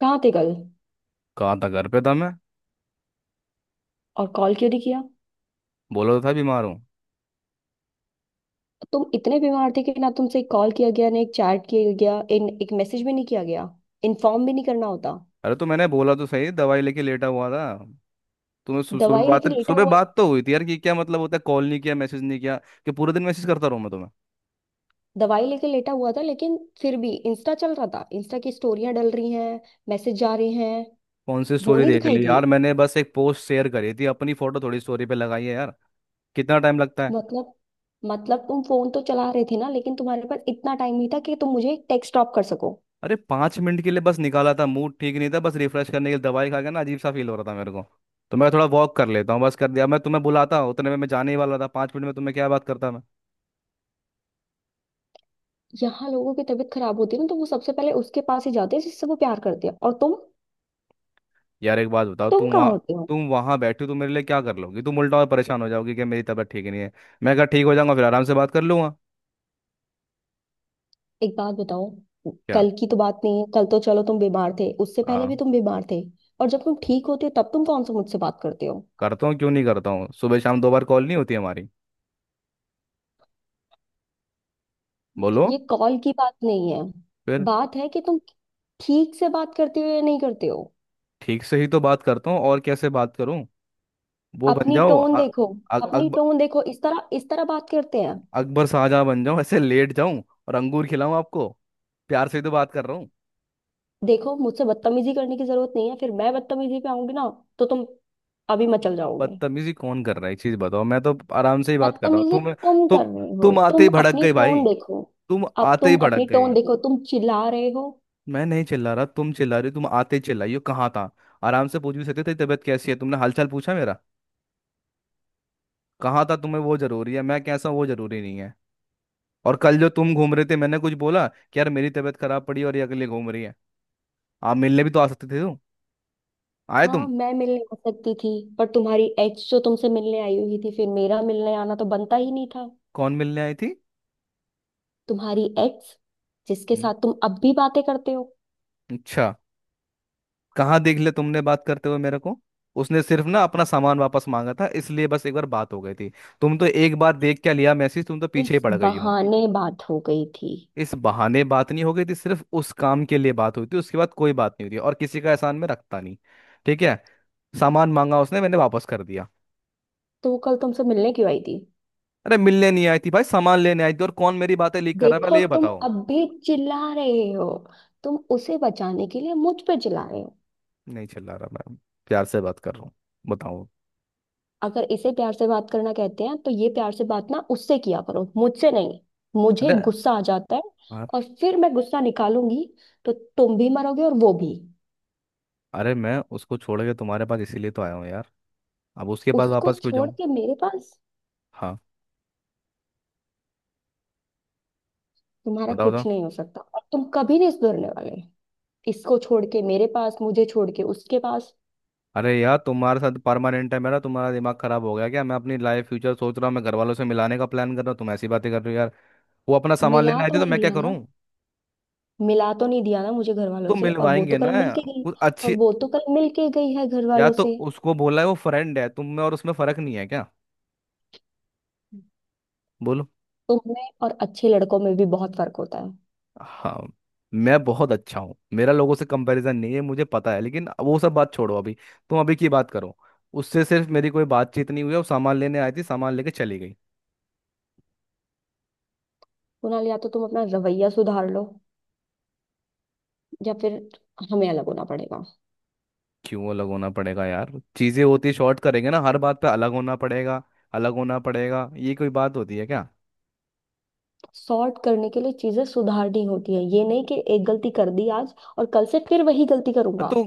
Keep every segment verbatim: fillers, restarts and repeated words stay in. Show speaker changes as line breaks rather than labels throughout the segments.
कहाँ थे कल?
कहाँ था। घर पे था मैं।
और कॉल क्यों नहीं किया?
बोला तो था बीमार हूँ।
तुम इतने बीमार थे कि ना तुमसे एक कॉल किया गया, ना एक चैट किया गया, इन एक मैसेज भी नहीं किया गया। इन्फॉर्म भी नहीं करना होता।
अरे तो मैंने बोला तो सही, दवाई लेके लेटा हुआ था। तुम्हें सु, सुबह
दवाई लेके
बात
लेटा
सुबह
हुआ
बात तो हुई थी यार। कि क्या मतलब होता है कॉल नहीं किया मैसेज नहीं किया। कि पूरे दिन मैसेज करता रहूँ मैं तुम्हें?
दवाई लेके लेटा हुआ था, लेकिन फिर भी इंस्टा चल रहा था। इंस्टा की स्टोरियां डल रही हैं, मैसेज जा रहे हैं,
कौन सी
वो
स्टोरी
नहीं
देख
दिखाई
ली यार?
दिए?
मैंने बस एक पोस्ट शेयर करी थी अपनी, फोटो थोड़ी स्टोरी पे लगाई है यार। कितना टाइम लगता है?
मतलब मतलब तुम फोन तो चला रहे थे ना, लेकिन तुम्हारे पास इतना टाइम नहीं था कि तुम मुझे एक टेक्स्ट ड्रॉप कर सको।
अरे पाँच मिनट के लिए बस निकाला था। मूड ठीक नहीं था, बस रिफ्रेश करने के लिए। दवाई खा के ना अजीब सा फील हो रहा था मेरे को। तो मैं थोड़ा वॉक कर लेता हूँ, बस कर दिया। मैं तुम्हें बुलाता, उतने में मैं जाने ही वाला था। पाँच मिनट में तुम्हें क्या बात करता मैं?
यहाँ लोगों की तबीयत खराब होती है ना, तो वो सबसे पहले उसके पास ही जाते हैं जिससे वो प्यार करते हैं। और तुम
यार एक बात बताओ,
तुम
तुम
कहाँ
वहाँ,
होते हो?
तुम वहाँ बैठे हो तो मेरे लिए क्या कर लोगी? तुम उल्टा और परेशान हो जाओगी कि मेरी तबीयत ठीक नहीं है। मैं कहा ठीक हो जाऊंगा फिर आराम से बात कर लूंगा।
एक बात बताओ।
क्या?
कल की तो बात नहीं है, कल तो चलो तुम बीमार थे, उससे पहले भी
हाँ।
तुम बीमार थे। और जब तुम ठीक होते हो तब तुम कौन सा मुझसे बात करते हो?
करता हूँ, क्यों नहीं करता हूँ। सुबह शाम दो बार कॉल नहीं होती हमारी? बोलो।
ये कॉल की बात नहीं है।
फिर?
बात है कि तुम ठीक से बात करते हो या नहीं करते हो।
ठीक से ही तो बात करता हूँ, और कैसे बात करूँ? वो बन
अपनी
जाओ,
टोन
अ-
देखो।
अ-
अपनी
अकब-
टोन देखो, इस तरह इस तरह बात करते हैं?
अकबर शाहजहाँ बन जाऊँ, ऐसे लेट जाऊं और अंगूर खिलाऊं आपको? प्यार से ही तो बात कर रहा हूँ।
देखो, मुझसे बदतमीजी करने की जरूरत नहीं है। फिर मैं बदतमीजी पे आऊंगी ना, तो तुम अभी मचल जाओगे।
बदतमीजी कौन कर रहा है, एक चीज बताओ। मैं तो आराम से ही बात कर रहा हूँ।
बदतमीजी
तुम,
तुम
तुम
कर रहे हो,
तुम आते
तुम
ही भड़क
अपनी
गई भाई।
टोन देखो।
तुम
अब
आते ही
तुम
भड़क
अपनी
गए।
टोन देखो, तुम चिल्ला रहे हो।
मैं नहीं चिल्ला रहा, तुम चिल्ला रही हो। तुम आते ही चिल्लाई हो, कहाँ था। आराम से पूछ भी सकते थे तबीयत कैसी है। तुमने हालचाल पूछा मेरा? कहाँ था, तुम्हें वो जरूरी है। मैं कैसा हूँ, वो जरूरी नहीं है। और कल जो तुम घूम रहे थे, मैंने कुछ बोला? कि यार मेरी तबीयत खराब पड़ी और ये अगले घूम रही है। आप मिलने भी तो आ सकते थे। तुम आए
हाँ,
तुम?
मैं मिलने आ सकती थी, पर तुम्हारी एक्स जो तुमसे मिलने आई हुई थी, फिर मेरा मिलने आना तो बनता ही नहीं था।
कौन मिलने आई थी?
तुम्हारी एक्स, जिसके
हम्म।
साथ तुम अब भी बातें करते हो।
अच्छा। कहाँ देख लिया तुमने बात करते हुए मेरे को? उसने सिर्फ ना अपना सामान वापस मांगा था, इसलिए बस एक बार बात हो गई थी। तुम तो एक बार देख क्या लिया मैसेज, तुम तो पीछे ही
इस
पड़ गई हो।
बहाने बात हो गई थी।
इस बहाने बात नहीं हो गई थी, सिर्फ उस काम के लिए बात हुई थी। उसके बाद कोई बात नहीं हुई थी, और किसी का एहसान में रखता नहीं। ठीक है। सामान मांगा उसने, मैंने वापस कर दिया।
तो वो कल तुमसे मिलने क्यों आई थी?
अरे मिलने नहीं आई थी भाई, सामान लेने आई थी। और कौन मेरी बातें लीक कर रहा है,
देखो,
पहले ये
तुम
बताओ।
अब भी चिल्ला रहे हो। तुम उसे बचाने के लिए मुझ पे चिल्ला रहे हो।
नहीं चिल्ला रहा मैं, प्यार से बात कर रहा हूँ। बताओ।
अगर इसे प्यार से बात करना कहते हैं, तो ये प्यार से बात ना उससे किया करो, मुझसे नहीं। मुझे
अरे
गुस्सा आ जाता है,
यार,
और फिर मैं गुस्सा निकालूंगी, तो तुम भी मरोगे और वो भी।
अरे मैं उसको छोड़ के तुम्हारे पास इसीलिए तो आया हूँ यार। अब उसके पास
उसको
वापस क्यों
छोड़
जाऊँ?
के मेरे पास?
हाँ।
तुम्हारा
बताओ बताओ।
कुछ नहीं हो सकता, और तुम कभी नहीं सुधरने वाले। इसको छोड़ के मेरे पास, मुझे छोड़ के उसके पास।
अरे यार तुम्हारे साथ परमानेंट है मेरा। तुम्हारा दिमाग खराब हो गया क्या? मैं अपनी लाइफ फ्यूचर सोच रहा हूँ, मैं घर वालों से मिलाने का प्लान कर रहा हूँ, तुम ऐसी बातें कर रही हो यार। वो अपना सामान
मिला
लेने आई
तो
थी, तो
नहीं
मैं क्या
दिया
करूं?
ना? मिला तो नहीं दिया ना मुझे घर वालों
तो
से? और वो तो
मिलवाएंगे ना।
कल मिल के गई।
कुछ
और
अच्छी।
वो तो कल मिल के गई है घर
या
वालों
तो
से।
उसको बोला है वो फ्रेंड है। तुम में और उसमें फर्क नहीं है क्या? बोलो।
तुम में और अच्छे लड़कों में भी बहुत फर्क होता है।
हाँ। मैं बहुत अच्छा हूँ, मेरा लोगों से कंपैरिजन नहीं है, मुझे पता है। लेकिन वो सब बात छोड़ो अभी, तुम अभी की बात करो। उससे सिर्फ मेरी कोई बातचीत नहीं हुई, वो सामान लेने आई थी सामान लेके चली गई।
कुणाल, या तो तुम अपना रवैया सुधार लो, या फिर हमें अलग होना पड़ेगा।
क्यों अलग होना पड़ेगा यार? चीजें होती शॉर्ट करेंगे ना, हर बात पे अलग होना पड़ेगा? अलग होना पड़ेगा, ये कोई बात होती है क्या?
सॉर्ट करने के लिए चीजें सुधारनी होती है, ये नहीं कि एक गलती कर दी आज और कल से फिर वही गलती करूंगा।
तो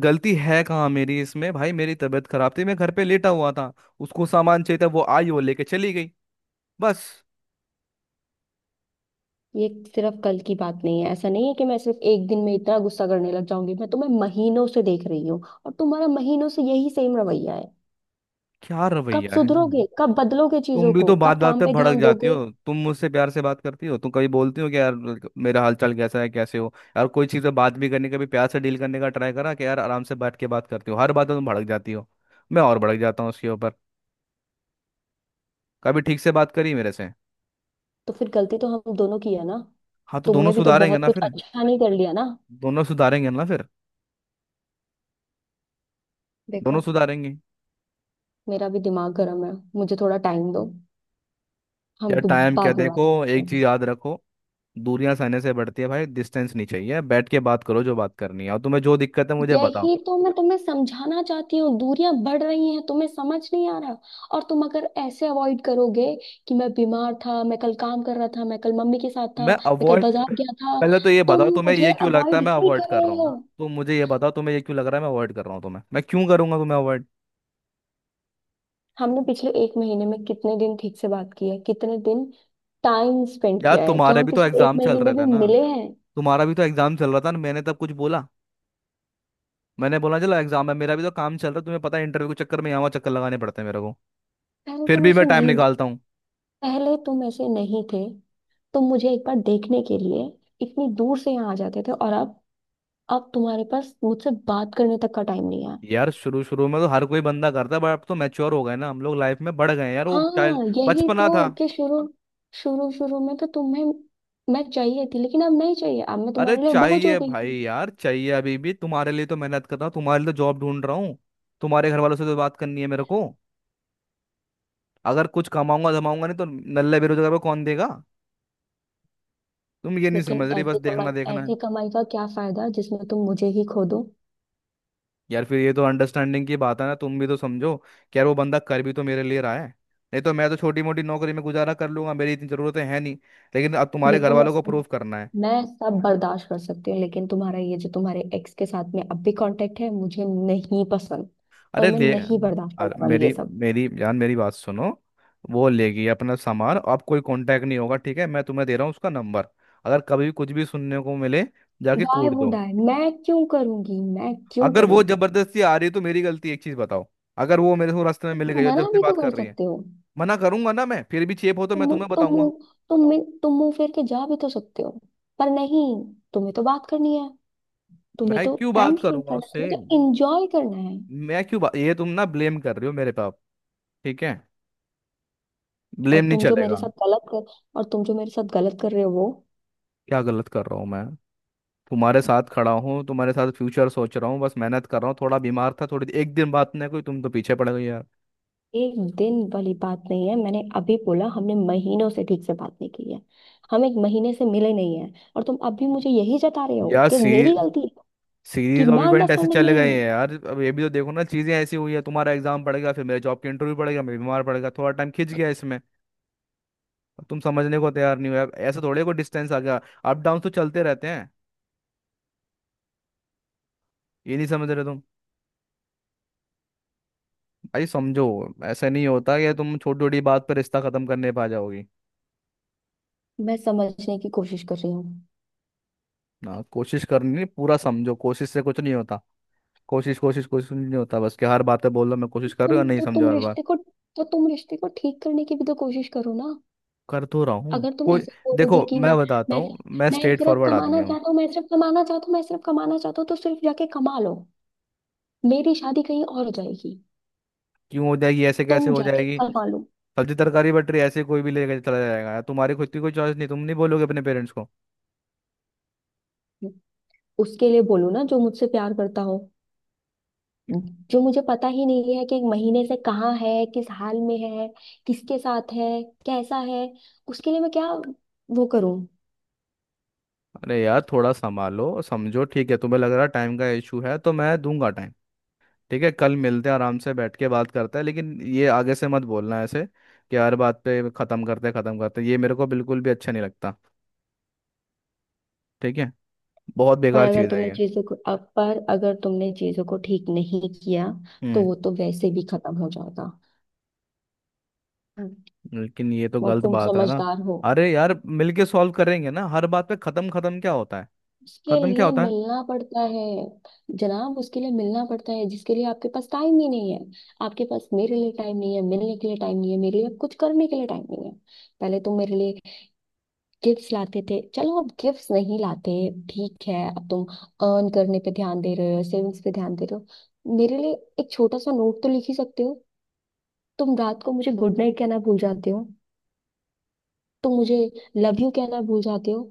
गलती है कहाँ मेरी इसमें भाई? मेरी तबीयत खराब थी, मैं घर पे लेटा हुआ था। उसको सामान चाहिए था, वो आई वो लेके चली गई, बस।
ये सिर्फ कल की बात नहीं है। ऐसा नहीं है कि मैं सिर्फ एक दिन में इतना गुस्सा करने लग जाऊंगी, मैं तुम्हें महीनों से देख रही हूँ। और तुम्हारा महीनों से यही सेम रवैया है।
क्या
कब
रवैया है?
सुधरोगे? कब बदलोगे
तुम
चीजों
भी
को?
तो बात
कब
बात
काम
पे
पे
भड़क
ध्यान
जाती हो।
दोगे?
तुम मुझसे प्यार से बात करती हो? तुम कभी बोलती हो कि यार मेरा हालचाल कैसा है, कैसे हो यार? कोई चीज़ पे बात भी करने का भी, प्यार से डील करने का ट्राई करा कि यार आराम से बैठ के बात करती हो? हर बात में तुम भड़क जाती हो, मैं और भड़क जाता हूँ उसके ऊपर। कभी ठीक से बात करी मेरे से?
तो फिर गलती तो हम दोनों की है ना,
हाँ तो दोनों
तुमने भी तो
सुधारेंगे
बहुत
ना
कुछ
फिर।
अच्छा नहीं कर लिया ना।
दोनों सुधारेंगे ना फिर। दोनों
देखो,
सुधारेंगे।
मेरा भी दिमाग गर्म है, मुझे थोड़ा टाइम दो। हम
यार टाइम क्या,
बाद में
देखो
बात करते
एक चीज
हैं।
याद रखो। दूरियां सहने से बढ़ती है भाई, डिस्टेंस नहीं चाहिए। बैठ के बात करो, जो बात करनी है और तुम्हें जो दिक्कत है मुझे बताओ।
यही तो मैं तुम्हें समझाना चाहती हूँ, दूरियां बढ़ रही हैं, तुम्हें समझ नहीं आ रहा। और तुम अगर ऐसे अवॉइड करोगे कि मैं बीमार था, मैं कल काम कर रहा था, मैं कल मम्मी के साथ था,
मैं
मैं कल
अवॉइड?
बाजार गया था।
पहले तो ये
तुम
बताओ तुम्हें ये
मुझे
क्यों लगता है
अवॉइड
मैं
ही
अवॉइड
कर
कर रहा
रहे
हूँ।
हो।
तुम मुझे ये बताओ तुम्हें ये क्यों लग रहा है मैं अवॉइड कर रहा हूँ तुम्हें, मैं क्यों करूंगा तुम्हें अवॉइड?
हमने पिछले एक महीने में कितने दिन ठीक से बात की है? कितने दिन टाइम स्पेंड
यार
किया है? क्या
तुम्हारे
हम
भी तो
पिछले एक
एग्जाम चल
महीने
रहे
में भी
थे ना।
मिले हैं?
तुम्हारा भी तो एग्जाम चल रहा था ना, मैंने तब कुछ बोला? मैंने बोला चलो एग्जाम है, मेरा भी तो काम चल रहा है। तुम्हें पता है इंटरव्यू के चक्कर में यहाँ वहाँ चक्कर लगाने पड़ते हैं मेरे को।
पहले
फिर
तुम
भी मैं
ऐसे
टाइम
नहीं थे
निकालता हूँ।
पहले तुम ऐसे नहीं थे। तुम मुझे एक बार देखने के लिए इतनी दूर से यहाँ आ जाते थे, और अब अब तुम्हारे पास मुझसे बात करने तक का टाइम नहीं है।
यार शुरू शुरू में तो हर कोई बंदा करता है, बट अब तो मैच्योर हो गए ना हम लोग, लाइफ में बढ़ गए हैं यार, वो चाइल्ड
हाँ, यही
बचपना
तो
था।
कि शुरू शुरू शुरू में तो तुम्हें मैं चाहिए थी, लेकिन अब नहीं चाहिए। अब मैं
अरे
तुम्हारे लिए बोझ हो
चाहिए
गई
भाई
हूँ।
यार चाहिए अभी भी। तुम्हारे लिए तो मेहनत कर रहा हूँ, तुम्हारे लिए तो जॉब ढूंढ रहा हूँ। तुम्हारे घर वालों से तो बात करनी है मेरे को। अगर कुछ कमाऊंगा जमाऊंगा नहीं तो नल्ले बेरोजगार को कौन देगा? तुम ये नहीं
लेकिन
समझ रही, बस
ऐसी कमाई
देखना देखना है।
ऐसी कमाई का क्या फायदा, जिसमें तुम मुझे ही खो दो?
यार फिर ये तो अंडरस्टैंडिंग की बात है ना। तुम भी तो समझो कि यार वो बंदा कर भी तो मेरे लिए रहा है। नहीं तो मैं तो छोटी मोटी नौकरी में गुजारा कर लूंगा, मेरी इतनी जरूरतें हैं नहीं। लेकिन अब तुम्हारे घर
देखो, मैं
वालों को
सब
प्रूफ करना है।
मैं सब बर्दाश्त कर सकती हूँ, लेकिन तुम्हारा ये जो तुम्हारे एक्स के साथ में अब भी कांटेक्ट है, मुझे नहीं पसंद। और
अरे
मैं
ले,
नहीं बर्दाश्त
अरे
करने वाली ये
मेरी
सब।
मेरी जान मेरी बात सुनो। वो लेगी अपना सामान, अब कोई कांटेक्ट नहीं होगा। ठीक है, मैं तुम्हें दे रहा हूँ उसका नंबर। अगर कभी भी कुछ भी सुनने को मिले, जाके
वाई
कूट
वुड
दो।
आई, मैं क्यों करूंगी? मैं क्यों
अगर वो
करूंगी?
जबरदस्ती आ रही है तो मेरी गलती? एक चीज बताओ, अगर वो मेरे को रास्ते में मिल
तुम
गई, और जब
मना
से
भी तो
बात
कर
कर रही है।
सकते हो।
मना करूंगा ना मैं, फिर भी चेप हो तो मैं
तुम
तुम्हें
तुम
बताऊंगा।
मुंह तुम में- तुम मुंह फेर के जा भी तो सकते हो। पर नहीं, तुम्हें तो बात करनी है, तुम्हें
मैं
तो
क्यों
टाइम
बात
स्पेंड करना
करूंगा
है,
उससे?
तुम्हें तो एंजॉय करना है।
मैं क्यों बा... ये तुम ना ब्लेम कर रही हो मेरे पाप। ठीक है,
और
ब्लेम नहीं
तुम जो मेरे
चलेगा।
साथ गलत कर और तुम जो मेरे साथ गलत कर रहे हो, वो
क्या गलत कर रहा हूँ मैं? तुम्हारे साथ खड़ा हूँ, तुम्हारे साथ फ्यूचर सोच रहा हूँ, बस मेहनत कर रहा हूँ। थोड़ा बीमार था, थोड़ी एक दिन बात नहीं, कोई तुम तो पीछे पड़ गई यार।
एक दिन वाली बात नहीं है। मैंने अभी बोला, हमने महीनों से ठीक से बात नहीं की है। हम एक महीने से मिले नहीं है। और तुम अभी मुझे यही जता रहे हो
यार
कि
सी,
मेरी गलती है, कि
सीरीज ऑफ
मैं
इवेंट ऐसे
अंडरस्टैंडिंग
चले
नहीं
गए
हूँ।
हैं यार। अब ये भी तो देखो ना, चीजें ऐसी हुई है, तुम्हारा एग्जाम पड़ गया, फिर मेरे जॉब के इंटरव्यू पड़ गया, मैं बीमार पड़ गया, थोड़ा टाइम खिंच गया इसमें। अब तुम समझने को तैयार नहीं हो यार, ऐसे थोड़े को डिस्टेंस आ गया। अप डाउन तो चलते रहते हैं, ये नहीं समझ रहे तुम। भाई समझो, ऐसा नहीं होता कि तुम छोटी छोटी बात पर रिश्ता खत्म करने पा जाओगी।
मैं समझने की कोशिश कर रही हूँ।
ना कोशिश करनी, पूरा समझो, कोशिश से कुछ नहीं होता। कोशिश कोशिश कोशिश नहीं होता बस, कि हर बात पे बोल रहा मैं कोशिश कर रहा
तुम
हूँ, नहीं
तो
समझा
तुम
हर बार।
रिश्ते को तो तुम रिश्ते को ठीक करने की भी तो कोशिश करो ना।
कर तो रहा हूँ
अगर तुम
कोई।
ऐसे ही
देखो
बोलोगे कि
मैं
मैं
बताता
मैं
हूँ, मैं
मैं
स्ट्रेट
सिर्फ
फॉरवर्ड आदमी
कमाना
हूँ।
चाहता हूँ, मैं सिर्फ कमाना चाहता हूँ, मैं सिर्फ कमाना चाहता हूँ, तो सिर्फ जाके कमा लो। मेरी शादी कहीं और हो जाएगी।
क्यों हो जाएगी, ऐसे कैसे
तुम
हो
जाके
जाएगी?
कमा लो।
सब्जी तरकारी बट रही है, ऐसे कोई भी लेके चला जाएगा यार? तुम्हारी खुद की कोई चॉइस नहीं? तुम नहीं बोलोगे अपने पेरेंट्स को?
उसके लिए बोलो ना जो मुझसे प्यार करता हो, जो मुझे पता ही नहीं है कि एक महीने से कहाँ है, किस हाल में है, किसके साथ है, कैसा है। उसके लिए मैं क्या वो करूं?
अरे यार थोड़ा संभालो, समझो। ठीक है, तुम्हें लग रहा है टाइम का इशू है, तो मैं दूंगा टाइम। ठीक है कल मिलते हैं, आराम से बैठ के बात करते हैं। लेकिन ये आगे से मत बोलना ऐसे, कि हर बात पे ख़त्म करते ख़त्म करते, ये मेरे को बिल्कुल भी अच्छा नहीं लगता। ठीक है? बहुत
पर
बेकार
अगर
चीज़ है
तुमने
ये।
चीजों को अब पर अगर तुमने चीजों को ठीक नहीं किया, तो
हम्म।
वो तो वैसे भी खत्म हो जाएगा।
लेकिन ये तो
और
गलत
तुम
बात है ना।
समझदार हो।
अरे यार मिलके सॉल्व करेंगे ना, हर बात पे खत्म खत्म क्या होता है?
उसके
खत्म क्या
लिए
होता है?
मिलना पड़ता है जनाब, उसके लिए मिलना पड़ता है जिसके लिए आपके पास टाइम ही नहीं है। आपके पास मेरे लिए टाइम नहीं है, मिलने के लिए टाइम नहीं है, मेरे लिए कुछ करने के लिए टाइम नहीं है। पहले तुम मेरे लिए गिफ्ट्स लाते थे, चलो अब गिफ्ट्स नहीं लाते, ठीक है। अब तुम अर्न करने पे ध्यान दे रहे हो, सेविंग्स पे ध्यान दे रहे हो, मेरे लिए एक छोटा सा नोट तो लिख ही सकते हो। तुम रात को मुझे गुड नाइट कहना भूल जाते हो। तुम मुझे लव यू कहना भूल जाते हो।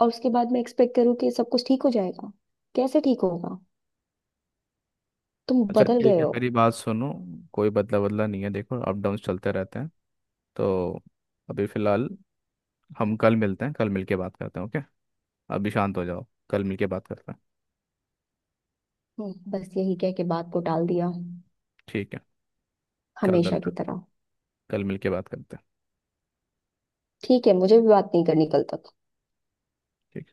और उसके बाद मैं एक्सपेक्ट करूँ कि सब कुछ ठीक हो जाएगा? कैसे ठीक होगा? तुम
अच्छा
बदल
ठीक
गए
है,
हो।
मेरी बात सुनो। कोई बदला बदला नहीं है, देखो अप डाउन चलते रहते हैं। तो अभी फिलहाल हम कल मिलते हैं, कल मिलके बात करते हैं, ओके? अभी शांत हो जाओ, कल मिलके बात करते हैं।
हम्म, बस यही कह के बात को टाल दिया,
ठीक है, कल
हमेशा
मिलते
की
हैं,
तरह।
कल मिलके बात करते
ठीक है, मुझे भी बात नहीं करनी कल तक।
हैं।